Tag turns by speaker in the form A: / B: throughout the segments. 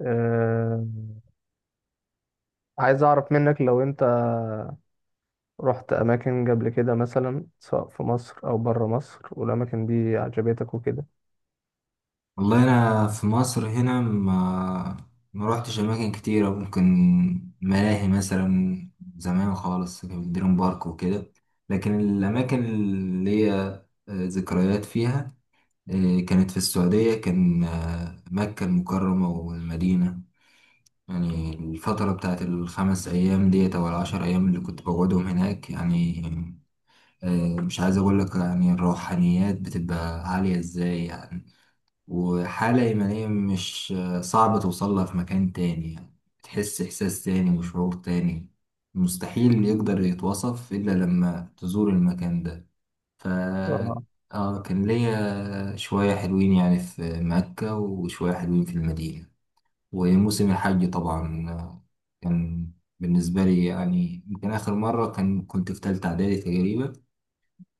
A: أه عايز أعرف منك لو أنت رحت أماكن قبل كده، مثلا سواء في مصر أو برا مصر، والأماكن دي عجبتك وكده؟
B: والله، انا في مصر هنا ما روحتش اماكن كتيره. ممكن ملاهي مثلا، زمان خالص كان في دريم بارك وكده. لكن الاماكن اللي هي ذكريات فيها، كانت في السعوديه. كان مكه المكرمه والمدينه. يعني الفتره بتاعت ال5 ايام ديت او ال10 ايام اللي كنت بقعدهم هناك يعني. مش عايز اقول لك يعني الروحانيات بتبقى عاليه ازاي يعني. وحالة إيمانية، مش صعب توصلها في مكان تاني يعني. تحس إحساس تاني وشعور تاني. مستحيل يقدر يتوصف إلا لما تزور المكان ده. ف
A: اه،
B: كان ليا شوية حلوين يعني في مكة وشوية حلوين في المدينة. وموسم الحج طبعا كان بالنسبة لي يعني، يمكن آخر مرة كنت في تالتة إعدادي تقريبا.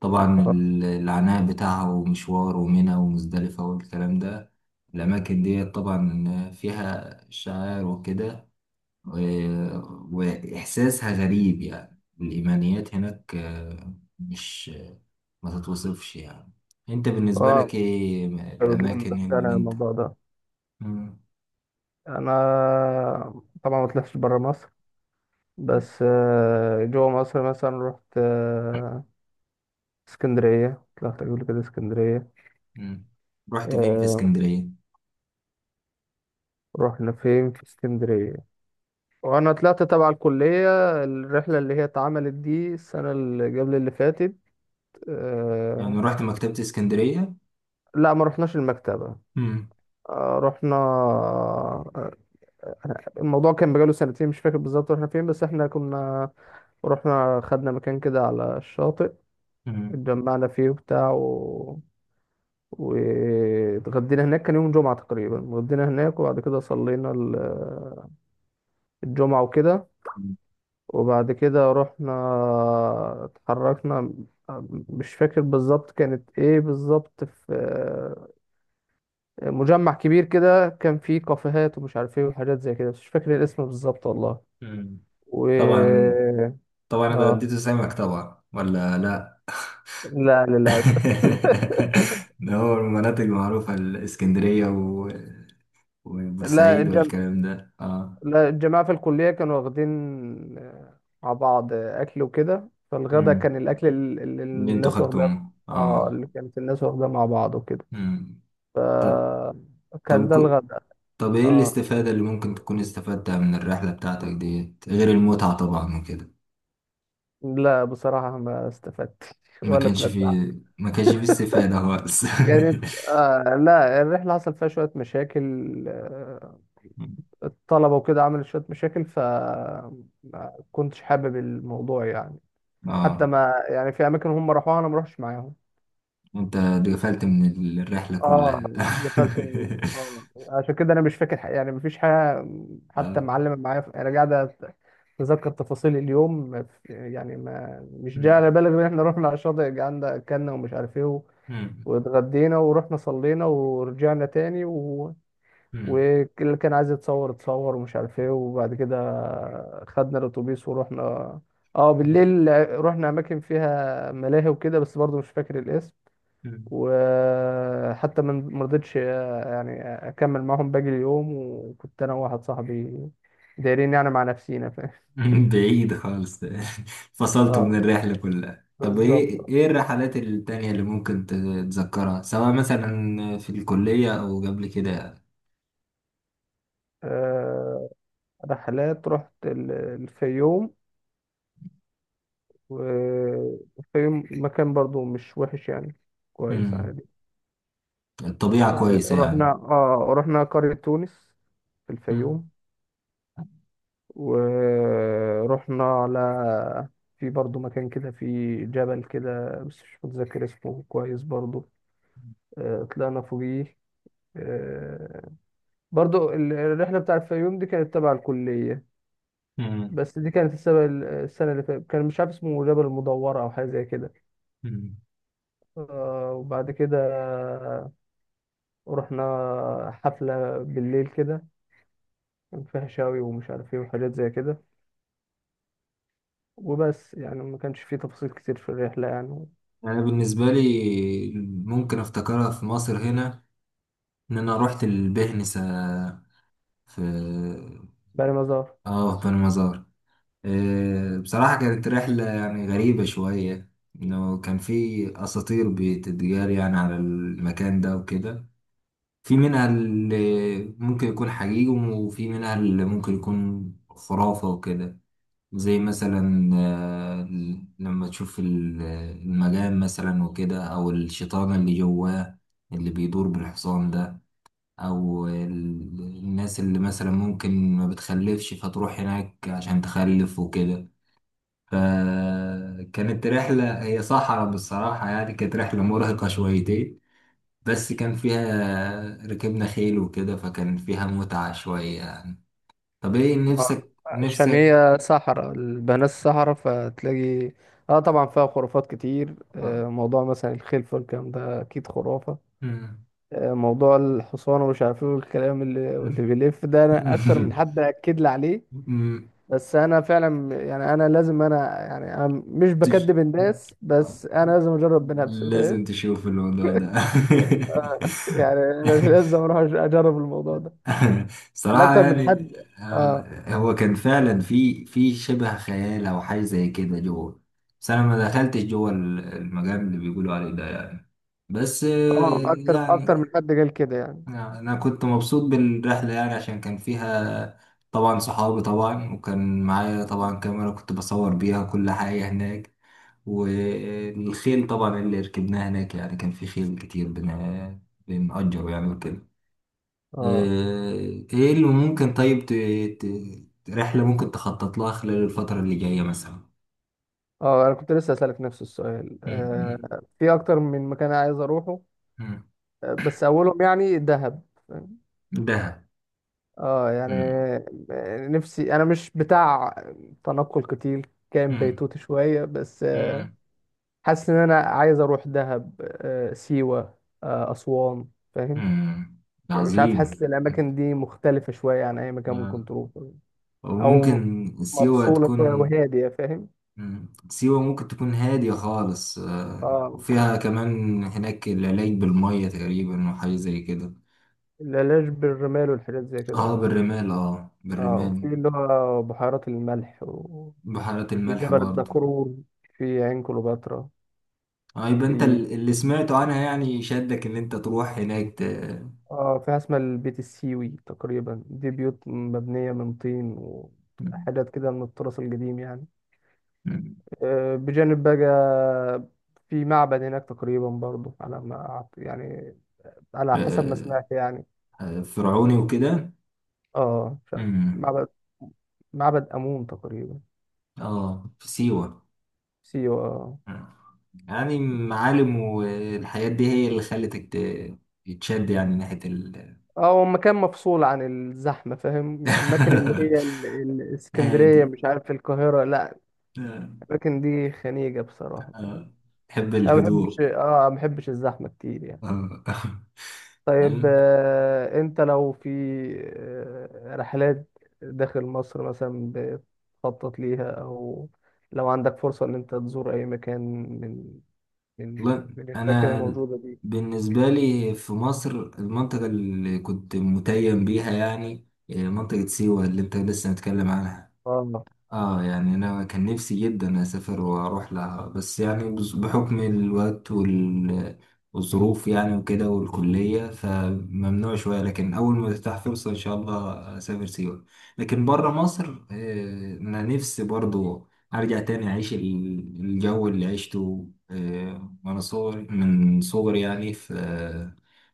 B: طبعا
A: اه،
B: العناء بتاعها ومشوار ومنى ومزدلفة والكلام ده، الأماكن دي طبعا فيها شعائر وكده. و- وإحساسها غريب، يعني الإيمانيات هناك مش ما تتوصفش يعني. أنت بالنسبة
A: آه،
B: لك إيه
A: بتقول.
B: الأماكن اللي
A: أنا
B: أنت؟
A: الموضوع ده
B: مم.
A: أنا طبعا ما طلعتش برا مصر، بس جوا مصر مثلا رحت اسكندرية، طلعت قبل كده اسكندرية.
B: مم. رحت فين في
A: آه،
B: اسكندرية؟
A: رحنا فين في اسكندرية؟ وأنا طلعت تبع الكلية، الرحلة اللي هي اتعملت دي السنة اللي قبل اللي فاتت.
B: يعني
A: آه،
B: رحت مكتبة اسكندرية؟
A: لا، ما رحناش المكتبة.
B: مم.
A: آه، رحنا آه، الموضوع كان بقاله سنتين، مش فاكر بالظبط رحنا فين، بس احنا كنا رحنا خدنا مكان كده على الشاطئ،
B: مم.
A: اتجمعنا فيه وبتاع واتغدينا هناك، كان يوم جمعة تقريبا، اتغدينا هناك وبعد كده صلينا الجمعة وكده. وبعد كده رحنا، اتحركنا، مش فاكر بالظبط كانت ايه بالظبط. في مجمع كبير كده، كان فيه كافيهات ومش عارف ايه وحاجات زي كده، بس مش فاكر الاسم بالظبط والله.
B: مم.
A: و
B: طبعا، طبعا
A: اه
B: اتغديت سمك طبعا ولا لا؟
A: لا، للأسف.
B: ده هو المناطق المعروفة، الإسكندرية
A: لا
B: وبورسعيد
A: الجم...
B: والكلام ده، اه.
A: لا، الجماعة في الكلية كانوا واخدين مع بعض أكل وكده، فالغدا
B: امم
A: كان الأكل اللي
B: اللي انتوا
A: الناس واخداه.
B: خدتوه،
A: اه،
B: اه.
A: اللي كانت الناس واخداه مع بعض وكده،
B: امم طب
A: فكان
B: طب
A: ده
B: كو...
A: الغدا.
B: طب ايه
A: اه،
B: الاستفادة اللي ممكن تكون استفدتها من الرحلة بتاعتك ديت، غير المتعة طبعا وكده؟
A: لا بصراحة ما استفدتش
B: ما
A: ولا
B: كانش
A: اتمتعت.
B: فيه ما كانش فيه استفادة خالص؟
A: كانت آه لا، الرحلة حصل فيها شوية مشاكل. آه، الطلبة وكده عملت شوية مشاكل، فما كنتش حابب الموضوع يعني. حتى
B: اه،
A: ما يعني، في أماكن هم راحوها أنا ما روحش معاهم.
B: انت اتغفلت من الرحلة
A: اه،
B: كلها.
A: قفلت من- اه، عشان كده انا مش فاكر حاجة يعني، مفيش حاجه. حتى
B: اه.
A: معلمه معايا، انا قاعد اتذكر تفاصيل اليوم يعني. ما مش جاي
B: أمم.
A: على بالي غير ان احنا رحنا على الشاطئ، قعدنا اكلنا ومش عارف ايه
B: أمم.
A: واتغدينا ورحنا صلينا ورجعنا تاني
B: أمم.
A: واللي كان عايز يتصور اتصور ومش عارف ايه. وبعد كده خدنا الاتوبيس ورحنا، اه بالليل رحنا اماكن فيها ملاهي وكده، بس برضه مش فاكر الاسم.
B: أمم.
A: وحتى من مرضتش يعني اكمل معاهم باقي اليوم، وكنت انا وواحد صاحبي دايرين يعني مع نفسينا، فاهم.
B: بعيد خالص، فصلته من
A: اه
B: الرحلة كلها. طب،
A: بالظبط،
B: ايه
A: اه.
B: ايه الرحلات التانية اللي ممكن تتذكرها، سواء مثلا في الكلية او قبل كده؟
A: آه، رحلات، رحت الفيوم، والفيوم مكان برضو مش وحش يعني، كويس
B: مم.
A: عادي.
B: الطبيعة
A: آه،
B: كويسة
A: رحنا
B: يعني.
A: اه رحنا قرية تونس في
B: مم.
A: الفيوم. ورحنا على، في برضو مكان كده، في جبل كده بس مش متذكر اسمه كويس برضو. طلعنا فوقيه. آه، برضو الرحلة بتاع الفيوم دي كانت تبع الكلية،
B: مم.
A: بس دي كانت السنة، اللي فاتت، كان مش عارف اسمه جبل المدورة أو حاجة زي كده.
B: مم.
A: وبعد كده رحنا حفلة بالليل كده، كان فيها شاوي ومش عارف ايه وحاجات زي كده. وبس، يعني ما كانش فيه تفاصيل كتير في الرحلة يعني.
B: انا بالنسبة لي، ممكن افتكرها في مصر هنا ان انا رحت البهنسة في
A: بقى مزار.
B: اه في بني مزار. بصراحة كانت رحلة يعني غريبة شوية. إنه كان في أساطير بتتجار يعني على المكان ده وكده. في منها اللي ممكن يكون حقيقي، وفي منها اللي ممكن يكون خرافة وكده. زي مثلا لما تشوف المجان مثلا وكده، أو الشيطان اللي جواه اللي بيدور بالحصان ده، أو الناس اللي مثلا ممكن ما بتخلفش فتروح هناك عشان تخلف وكده. فكانت رحلة، هي صحراء بالصراحة يعني، كانت رحلة مرهقة شويتين. بس كان فيها ركبنا خيل وكده، فكان فيها متعة شوية يعني. طب ايه نفسك،
A: عشان
B: نفسك؟
A: هي صحراء البنات، صحراء فتلاقي. اه طبعا فيها خرافات كتير.
B: آه.
A: موضوع مثلا الخلفة والكلام ده اكيد خرافة.
B: مم.
A: موضوع الحصان ومش عارف ايه والكلام اللي
B: مم.
A: بيلف ده، انا اكتر من حد اكد لي عليه.
B: مم.
A: بس انا فعلا يعني، انا لازم، يعني انا مش
B: تش-
A: بكدب الناس، بس انا لازم اجرب بنفسي، فاهم.
B: لازم تشوف الموضوع ده.
A: يعني أنا لازم اروح اجرب الموضوع ده. يعني
B: صراحة
A: اكتر من حد.
B: يعني.
A: اه
B: هو كان فعلا في شبه خيال أو حاجة زي كده جوه. بس أنا ما دخلتش جوه المجال اللي بيقولوا عليه ده يعني. بس
A: اه، اكتر من
B: يعني
A: حد قال كده يعني.
B: أنا كنت مبسوط بالرحلة يعني، عشان كان فيها طبعا صحابي طبعا، وكان معايا
A: مم.
B: طبعا كاميرا كنت بصور بيها كل حاجة هناك. والخيل طبعا اللي ركبناه هناك، يعني كان في خيل كتير بنأجره يعني وكده. آه،
A: اه،
B: ايه اللي ممكن، طيب ت... رحلة ممكن تخطط لها خلال الفترة اللي جاية مثلا؟
A: اه انا كنت لسه اسالك نفس السؤال،
B: مم.
A: آه في اكتر من مكان عايز اروحه.
B: مم.
A: بس اولهم يعني دهب.
B: دهب.
A: اه يعني،
B: مم.
A: نفسي، انا مش بتاع تنقل كتير، كان
B: مم.
A: بيتوتي شويه بس آه.
B: مم.
A: حاسس ان انا عايز اروح دهب، آه سيوه، آه اسوان، فاهم.
B: مم.
A: مش عارف،
B: عظيم.
A: حاسس الاماكن دي مختلفه شويه عن اي مكان ممكن
B: آه.
A: تروحه. او
B: وممكن سيوة
A: مفصوله شويه
B: تكون.
A: وهاديه، فاهم.
B: مم. سيوة ممكن تكون هادية خالص،
A: اه،
B: وفيها كمان هناك العلاج بالمية تقريبا وحاجة زي كده.
A: العلاج بالرمال والحاجات زي كده
B: اه،
A: اه.
B: بالرمال، اه
A: اه،
B: بالرمال.
A: وفي اللي هو بحيرات الملح
B: بحيرات
A: في
B: الملح
A: جبل
B: برضه.
A: الدكرور، في عين كليوباترا.
B: اه، يبقى انت
A: في
B: اللي سمعته عنها يعني شدك ان انت تروح هناك
A: اه في حاجة اسمها البيت السيوي تقريبا، دي بيوت مبنية من طين
B: م-
A: وحاجات كده من التراث القديم يعني.
B: م-
A: بجانب بقى، في معبد هناك تقريبا برضه، على ما أعت- يعني على حسب ما
B: آه،
A: سمعت يعني.
B: فرعوني وكده.
A: اه مش عارف.
B: مم.
A: معبد معبد أمون تقريبا.
B: اه في سيوة.
A: سيوة.
B: مم. يعني معالم والحاجات دي هي اللي خلتك تشد يعني ناحية ال.
A: اه هو مكان مفصول عن الزحمة، فاهم يعني الأماكن اللي هي الإسكندرية،
B: هادي.
A: مش عارف، القاهرة، لا.
B: آه.
A: الأماكن دي خنيجة بصراحة فاهم؟
B: آه. تحب
A: أنا ما بحبش
B: الهدوء.
A: اه ما بحبش الزحمة كتير يعني.
B: آه.
A: طيب أنت لو في رحلات داخل مصر مثلا بتخطط ليها، أو لو عندك فرصة إن أنت تزور أي مكان من من
B: والله،
A: من الأماكن
B: انا
A: الموجودة دي.
B: بالنسبه لي في مصر، المنطقه اللي كنت متيم بيها يعني منطقه سيوه اللي انت لسه متكلم عنها.
A: اه،
B: اه، يعني انا كان نفسي جدا اسافر واروح لها، بس يعني بحكم الوقت والظروف يعني وكده والكلية فممنوع شوية. لكن اول ما تفتح فرصة ان شاء الله اسافر سيوة. لكن بره مصر، انا نفسي برضو ارجع تاني اعيش الجو اللي عشته، وانا صغري من صغري يعني في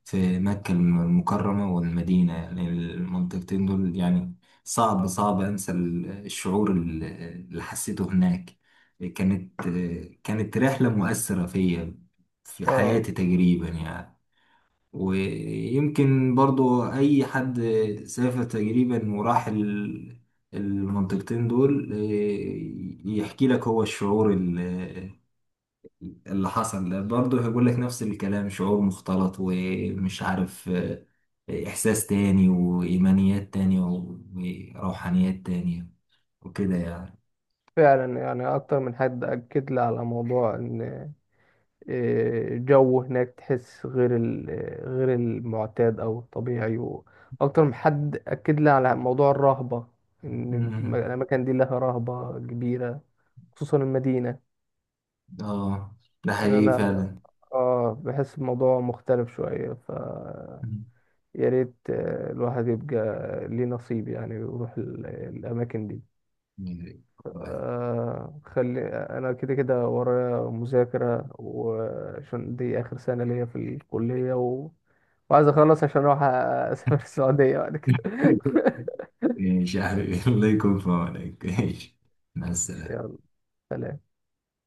B: في مكة المكرمة والمدينة، يعني المنطقتين دول يعني. صعب انسى الشعور اللي حسيته هناك. كانت كانت رحلة مؤثرة فيا، في
A: اه،
B: حياتي تقريبا يعني. ويمكن برضو اي حد سافر تقريبا وراح المنطقتين دول، إيه، يحكي لك هو الشعور اللي حصل ده، برضه هيقول لك نفس الكلام. شعور مختلط، ومش عارف، إحساس تاني وإيمانيات تانية وروحانيات تانية وكده يعني.
A: فعلا يعني أكتر من حد أكد لي على موضوع إن جو هناك تحس غير ال- آه، غير المعتاد او الطبيعي. واكتر من حد اكد لي على موضوع الرهبة، ان
B: مم.
A: الاماكن دي لها رهبة كبيرة، خصوصا المدينة.
B: اه، ده
A: يعني
B: حقيقي
A: انا
B: فعلا.
A: اه بحس الموضوع مختلف شوية. ف
B: مم.
A: يا ريت الواحد يبقى ليه نصيب يعني، ويروح الاماكن دي.
B: والله.
A: آه خلي، انا كده كده ورايا مذاكرة، وعشان دي اخر سنة ليا في الكلية وعايز اخلص عشان اروح اسافر السعودية بعد كده.
B: ماشي يا حبيبي، الله يكون في عونك، ماشي، مع
A: ماشي،
B: السلامة.
A: يلا، سلام.